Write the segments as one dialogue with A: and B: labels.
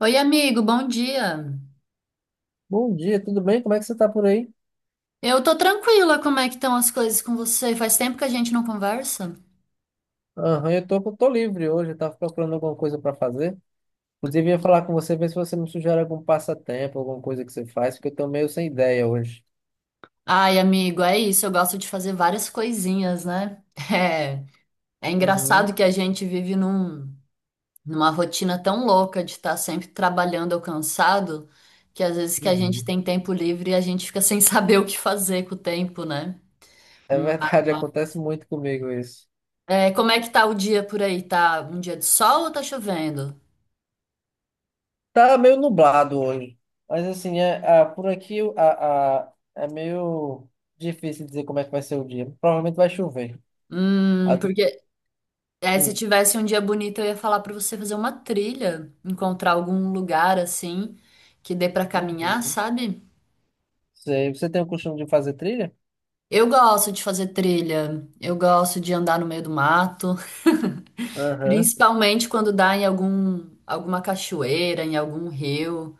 A: Oi, amigo, bom dia.
B: Bom dia, tudo bem? Como é que você tá por aí?
A: Eu tô tranquila, como é que estão as coisas com você? Faz tempo que a gente não conversa?
B: Aham, eu tô livre hoje, eu tava procurando alguma coisa para fazer. Inclusive, ia falar com você, ver se você me sugere algum passatempo, alguma coisa que você faz, porque eu tô meio sem ideia hoje.
A: Ai, amigo, é isso, eu gosto de fazer várias coisinhas, né? É engraçado
B: Uhum,
A: que a gente vive numa rotina tão louca de estar sempre trabalhando ou cansado, que às vezes que a gente
B: uhum.
A: tem tempo livre e a gente fica sem saber o que fazer com o tempo, né?
B: É verdade,
A: Mas,
B: acontece muito comigo isso.
A: como é que tá o dia por aí? Tá um dia de sol ou tá chovendo?
B: Tá meio nublado hoje, mas assim, por aqui é meio difícil dizer como é que vai ser o dia. Provavelmente vai chover. Ah,
A: Porque Se
B: hum,
A: tivesse um dia bonito, eu ia falar pra você fazer uma trilha, encontrar algum lugar assim que dê pra caminhar,
B: uhum.
A: sabe?
B: Sei. Você tem o costume de fazer trilha?
A: Eu gosto de fazer trilha, eu gosto de andar no meio do mato,
B: Aham.
A: principalmente quando dá em alguma cachoeira, em algum rio,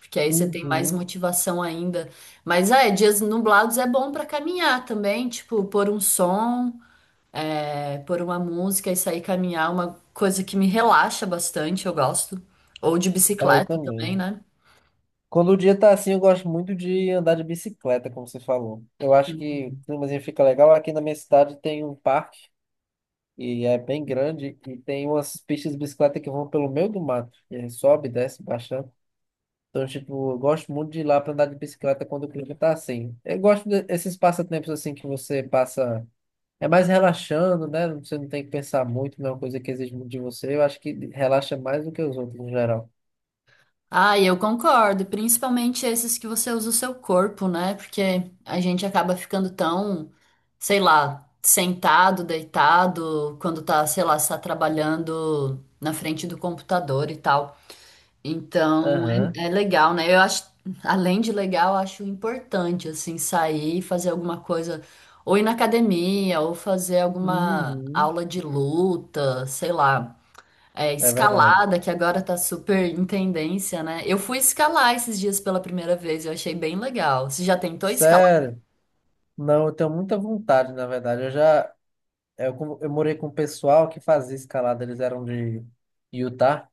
A: porque aí você tem mais
B: Uhum.
A: motivação ainda. Mas dias nublados é bom pra caminhar também, tipo, pôr um som. Pôr uma música e sair caminhar, uma coisa que me relaxa bastante, eu gosto. Ou de
B: É, eu
A: bicicleta também,
B: também.
A: né?
B: Quando o dia tá assim, eu gosto muito de andar de bicicleta, como você falou. Eu acho que o climazinho fica legal. Aqui na minha cidade tem um parque, e é bem grande, e tem umas pistas de bicicleta que vão pelo meio do mato. E aí sobe, desce, baixando. Então, tipo, eu gosto muito de ir lá pra andar de bicicleta quando o clima tá assim. Eu gosto desses passatempos assim que você passa. É mais relaxando, né? Você não tem que pensar muito, não é uma coisa que exige muito de você. Eu acho que relaxa mais do que os outros, no geral.
A: Ah, e eu concordo, principalmente esses que você usa o seu corpo, né? Porque a gente acaba ficando tão, sei lá, sentado, deitado, quando tá, sei lá, está trabalhando na frente do computador e tal. Então,
B: Aham.
A: é legal, né? Eu acho, além de legal, eu acho importante, assim, sair e fazer alguma coisa, ou ir na academia, ou fazer alguma
B: Uhum,
A: aula de luta, sei lá. É,
B: é verdade.
A: escalada, que agora tá super em tendência, né? Eu fui escalar esses dias pela primeira vez, eu achei bem legal. Você já tentou escalar?
B: Sério? Não, eu tenho muita vontade, na verdade. Eu já é, eu, com- eu morei com um pessoal que fazia escalada, eles eram de Utah,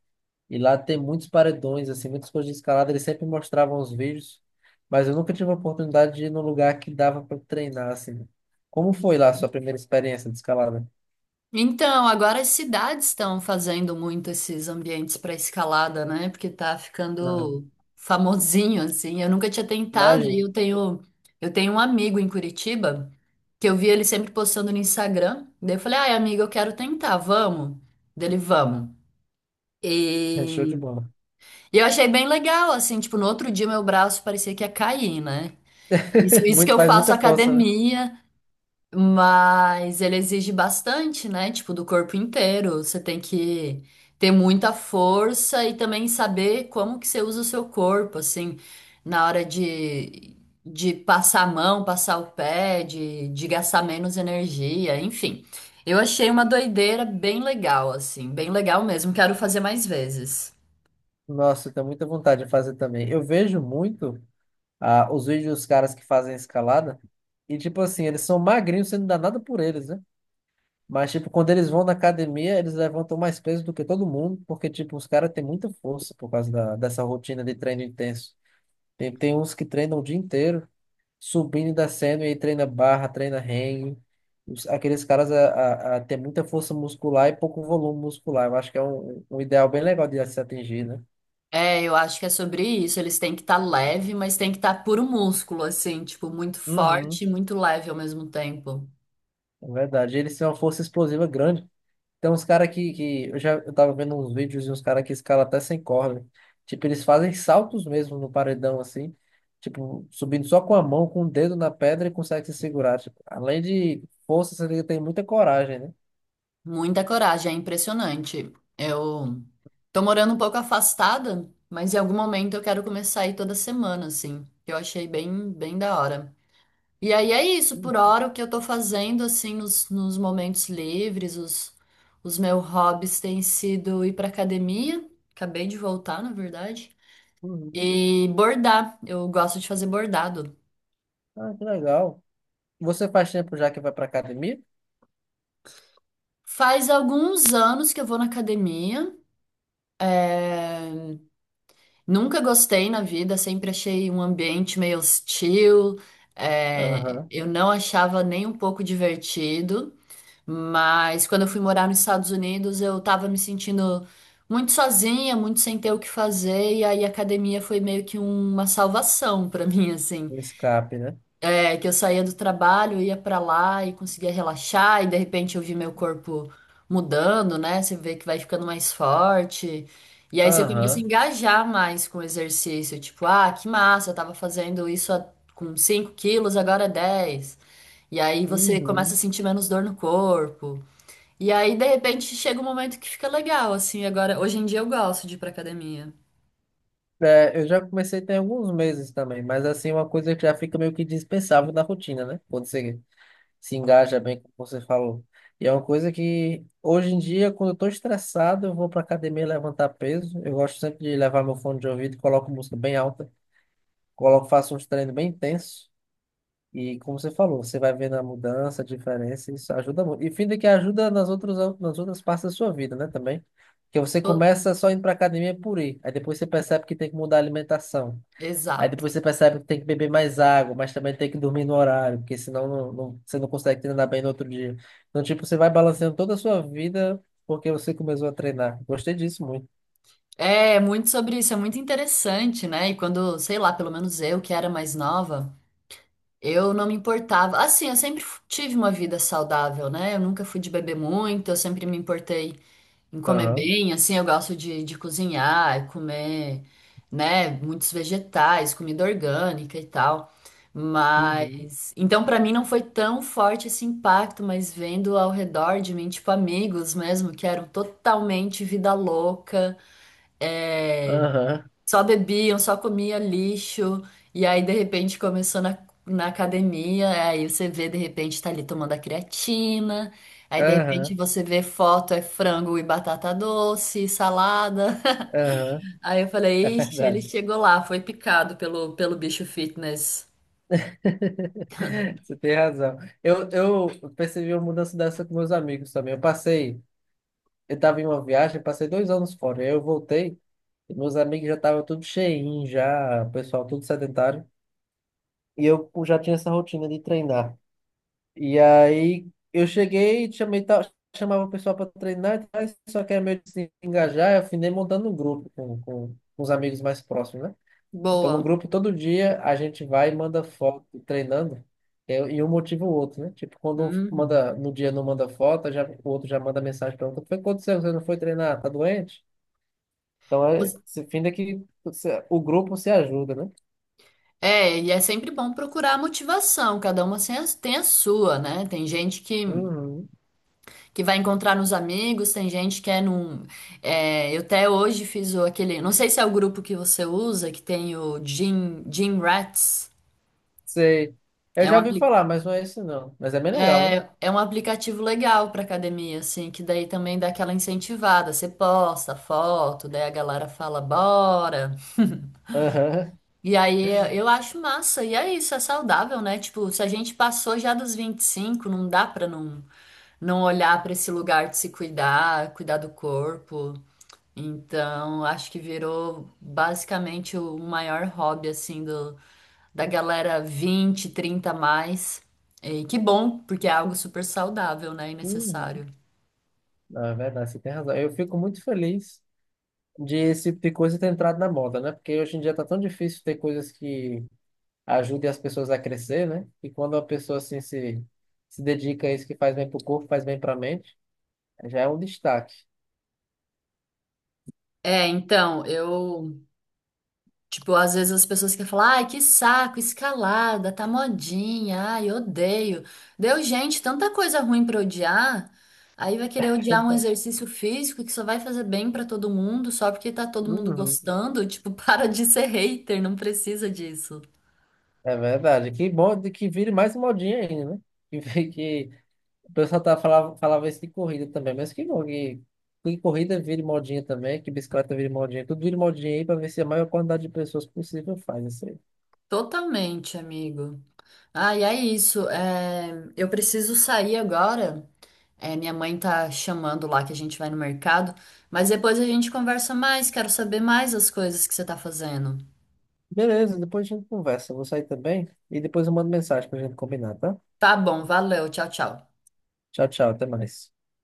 B: e lá tem muitos paredões, assim, muitas coisas de escalada, eles sempre mostravam os vídeos, mas eu nunca tive a oportunidade de ir num lugar que dava para treinar, assim. Como foi lá a sua primeira experiência de escalada?
A: Então, agora as cidades estão fazendo muito esses ambientes para escalada, né? Porque tá
B: Uhum.
A: ficando famosinho assim. Eu nunca tinha tentado e
B: Imagina,
A: eu tenho um amigo em Curitiba que eu vi ele sempre postando no Instagram. Daí eu falei: "Ai, amigo, eu quero tentar, vamos?" Dele, vamos.
B: é show de
A: E,
B: bola.
A: e eu achei bem legal, assim, tipo, no outro dia meu braço parecia que ia cair, né? Isso, isso que
B: Muito,
A: eu
B: faz
A: faço
B: muita força, né?
A: academia. Mas ele exige bastante, né? Tipo, do corpo inteiro. Você tem que ter muita força e também saber como que você usa o seu corpo, assim, na hora de passar a mão, passar o pé, de gastar menos energia, enfim. Eu achei uma doideira bem legal, assim, bem legal mesmo. Quero fazer mais vezes.
B: Nossa, eu tenho muita vontade de fazer também. Eu vejo muito. Os vídeos dos caras que fazem escalada. E, tipo assim, eles são magrinhos, você não dá nada por eles, né? Mas, tipo, quando eles vão na academia, eles levantam mais peso do que todo mundo, porque, tipo, os caras têm muita força por causa dessa rotina de treino intenso. Tem uns que treinam o dia inteiro, subindo e descendo, e aí treina barra, treina hang. Aqueles caras a têm muita força muscular e pouco volume muscular. Eu acho que é um ideal bem legal de se atingir, né?
A: É, eu acho que é sobre isso. Eles têm que estar leve, mas tem que estar puro músculo, assim, tipo, muito
B: Uhum,
A: forte e muito leve ao mesmo tempo.
B: é verdade. Eles têm uma força explosiva grande. Tem uns caras que eu tava vendo uns vídeos e uns caras que escalam até sem corda. Tipo, eles fazem saltos mesmo no paredão, assim. Tipo, subindo só com a mão, com o dedo na pedra e consegue se segurar. Tipo, além de força, você tem muita coragem, né?
A: Muita coragem, é impressionante. Eu tô morando um pouco afastada, mas em algum momento eu quero começar a ir toda semana, assim. Que Eu achei bem, bem da hora. E aí é isso, por hora, o que eu tô fazendo, assim, nos momentos livres, os meus hobbies têm sido ir pra academia, acabei de voltar, na verdade,
B: Uhum.
A: e bordar. Eu gosto de fazer bordado.
B: Ah, que legal. Você faz tempo já que vai pra academia?
A: Faz alguns anos que eu vou na academia. eh, Nunca gostei na vida, sempre achei um ambiente meio hostil, é,
B: Aham.
A: eu não achava nem um pouco divertido, mas quando eu fui morar nos Estados Unidos, eu tava me sentindo muito sozinha, muito sem ter o que fazer, e aí a academia foi meio que uma salvação pra mim, assim.
B: Um escape, né?
A: É, que eu saía do trabalho, ia pra lá e conseguia relaxar, e de repente eu vi meu corpo mudando, né? Você vê que vai ficando mais forte. E aí você começa a
B: Aham.
A: engajar mais com o exercício. Tipo, ah, que massa, eu tava fazendo isso com 5 quilos, agora é 10. E aí você começa a
B: Uhum.
A: sentir menos dor no corpo. E aí, de repente, chega um momento que fica legal, assim. Agora, hoje em dia eu gosto de ir pra academia.
B: É, eu já comecei tem alguns meses também, mas assim, é uma coisa que já fica meio que dispensável na rotina, né? Quando você se engaja bem, como você falou. E é uma coisa que, hoje em dia, quando eu estou estressado, eu vou para academia levantar peso. Eu gosto sempre de levar meu fone de ouvido, coloco música bem alta, coloco, faço uns treinos bem intensos. E como você falou, você vai vendo a mudança, a diferença, isso ajuda muito. E fim de que ajuda nas outras partes da sua vida, né, também. Porque você
A: Tô-
B: começa só indo para academia por ir, aí depois você percebe que tem que mudar a alimentação. Aí
A: Exato.
B: depois você percebe que tem que beber mais água, mas também tem que dormir no horário, porque senão você não consegue treinar bem no outro dia. Então, tipo, você vai balanceando toda a sua vida porque você começou a treinar. Gostei disso muito.
A: É, muito sobre isso, é muito interessante, né? E quando, sei lá, pelo menos eu, que era mais nova, eu não me importava. Assim, eu sempre tive uma vida saudável, né? Eu nunca fui de beber muito, eu sempre me importei em comer
B: Aham.
A: bem, assim, eu gosto de cozinhar, e comer, né, muitos vegetais, comida orgânica e tal.
B: Uhum.
A: Mas, então, pra mim não foi tão forte esse impacto, mas vendo ao redor de mim, tipo, amigos mesmo, que eram totalmente vida louca, é,
B: Aham.
A: só bebiam, só comia lixo, e aí de repente começou na academia, aí você vê de repente tá ali tomando a creatina, aí de repente
B: Aham.
A: você vê foto, é frango e batata doce, salada.
B: Aham.
A: Aí eu
B: É
A: falei, ixi, ele
B: verdade.
A: chegou lá, foi picado pelo bicho fitness.
B: Você tem razão. Eu percebi uma mudança dessa com meus amigos também. Eu estava em uma viagem, passei 2 anos fora. Aí eu voltei, e meus amigos já estavam tudo cheinho, já, o pessoal tudo sedentário. E eu já tinha essa rotina de treinar. E aí eu cheguei, chamei, chamava o pessoal para treinar, e tal, só que era meio de se engajar, eu afinei montando um grupo com os amigos mais próximos, né? Então no
A: Boa.
B: grupo todo dia a gente vai e manda foto treinando, e um motiva o outro, né? Tipo, quando um
A: Uhum.
B: manda, no dia não manda foto, já, o outro já manda mensagem para outro, foi quando você não foi treinar, tá doente? Então é,
A: Os-
B: se finda que o grupo se ajuda, né?
A: É, e é sempre bom procurar a motivação, cada uma tem a sua, né? Tem gente que.
B: Uhum.
A: que vai encontrar nos amigos, tem gente que é num. Eu até hoje fiz o, aquele. Não sei se é o grupo que você usa, que tem o Gym, Gym Rats.
B: Sei. Eu
A: É um,
B: já ouvi
A: apli-
B: falar, mas não é isso não. Mas é bem legal, né?
A: é um aplicativo legal para academia, assim, que daí também dá aquela incentivada. Você posta foto, daí a galera fala, bora.
B: Aham.
A: E aí eu acho massa. E é isso, é saudável, né? Tipo, se a gente passou já dos 25, não dá pra não olhar para esse lugar de se cuidar, cuidar do corpo. Então, acho que virou basicamente o maior hobby assim do da galera 20, 30 a mais. E que bom, porque é algo super saudável, né, e
B: Uhum.
A: necessário.
B: Não, é verdade, você tem razão. Eu fico muito feliz de esse tipo de coisa ter entrado na moda, né? Porque hoje em dia tá tão difícil ter coisas que ajudem as pessoas a crescer, né? E quando a pessoa assim se dedica a isso que faz bem pro corpo, faz bem pra mente, já é um destaque.
A: É, então, eu tipo, às vezes as pessoas querem falar, ai, que saco, escalada, tá modinha, ai, odeio. Deu, gente, tanta coisa ruim pra odiar. Aí vai querer odiar um
B: Verdade.
A: exercício físico que só vai fazer bem pra todo mundo, só porque tá todo mundo
B: Uhum.
A: gostando. Tipo, para de ser hater, não precisa disso.
B: É verdade. Que bom de que vire mais modinha ainda, né? Que, vi- que O pessoal falava isso de corrida também, mas que bom que, corrida vire modinha também, que bicicleta vire modinha, tudo vire modinha aí para ver se a maior quantidade de pessoas possível faz isso aí.
A: Totalmente, amigo. Ah, e é isso. Eu preciso sair agora. É, minha mãe tá chamando lá que a gente vai no mercado, mas depois a gente conversa mais, quero saber mais as coisas que você tá fazendo.
B: Beleza, depois a gente conversa. Eu vou sair também e depois eu mando mensagem pra gente combinar, tá?
A: Tá bom, valeu, tchau, tchau.
B: Tchau, tchau, até mais.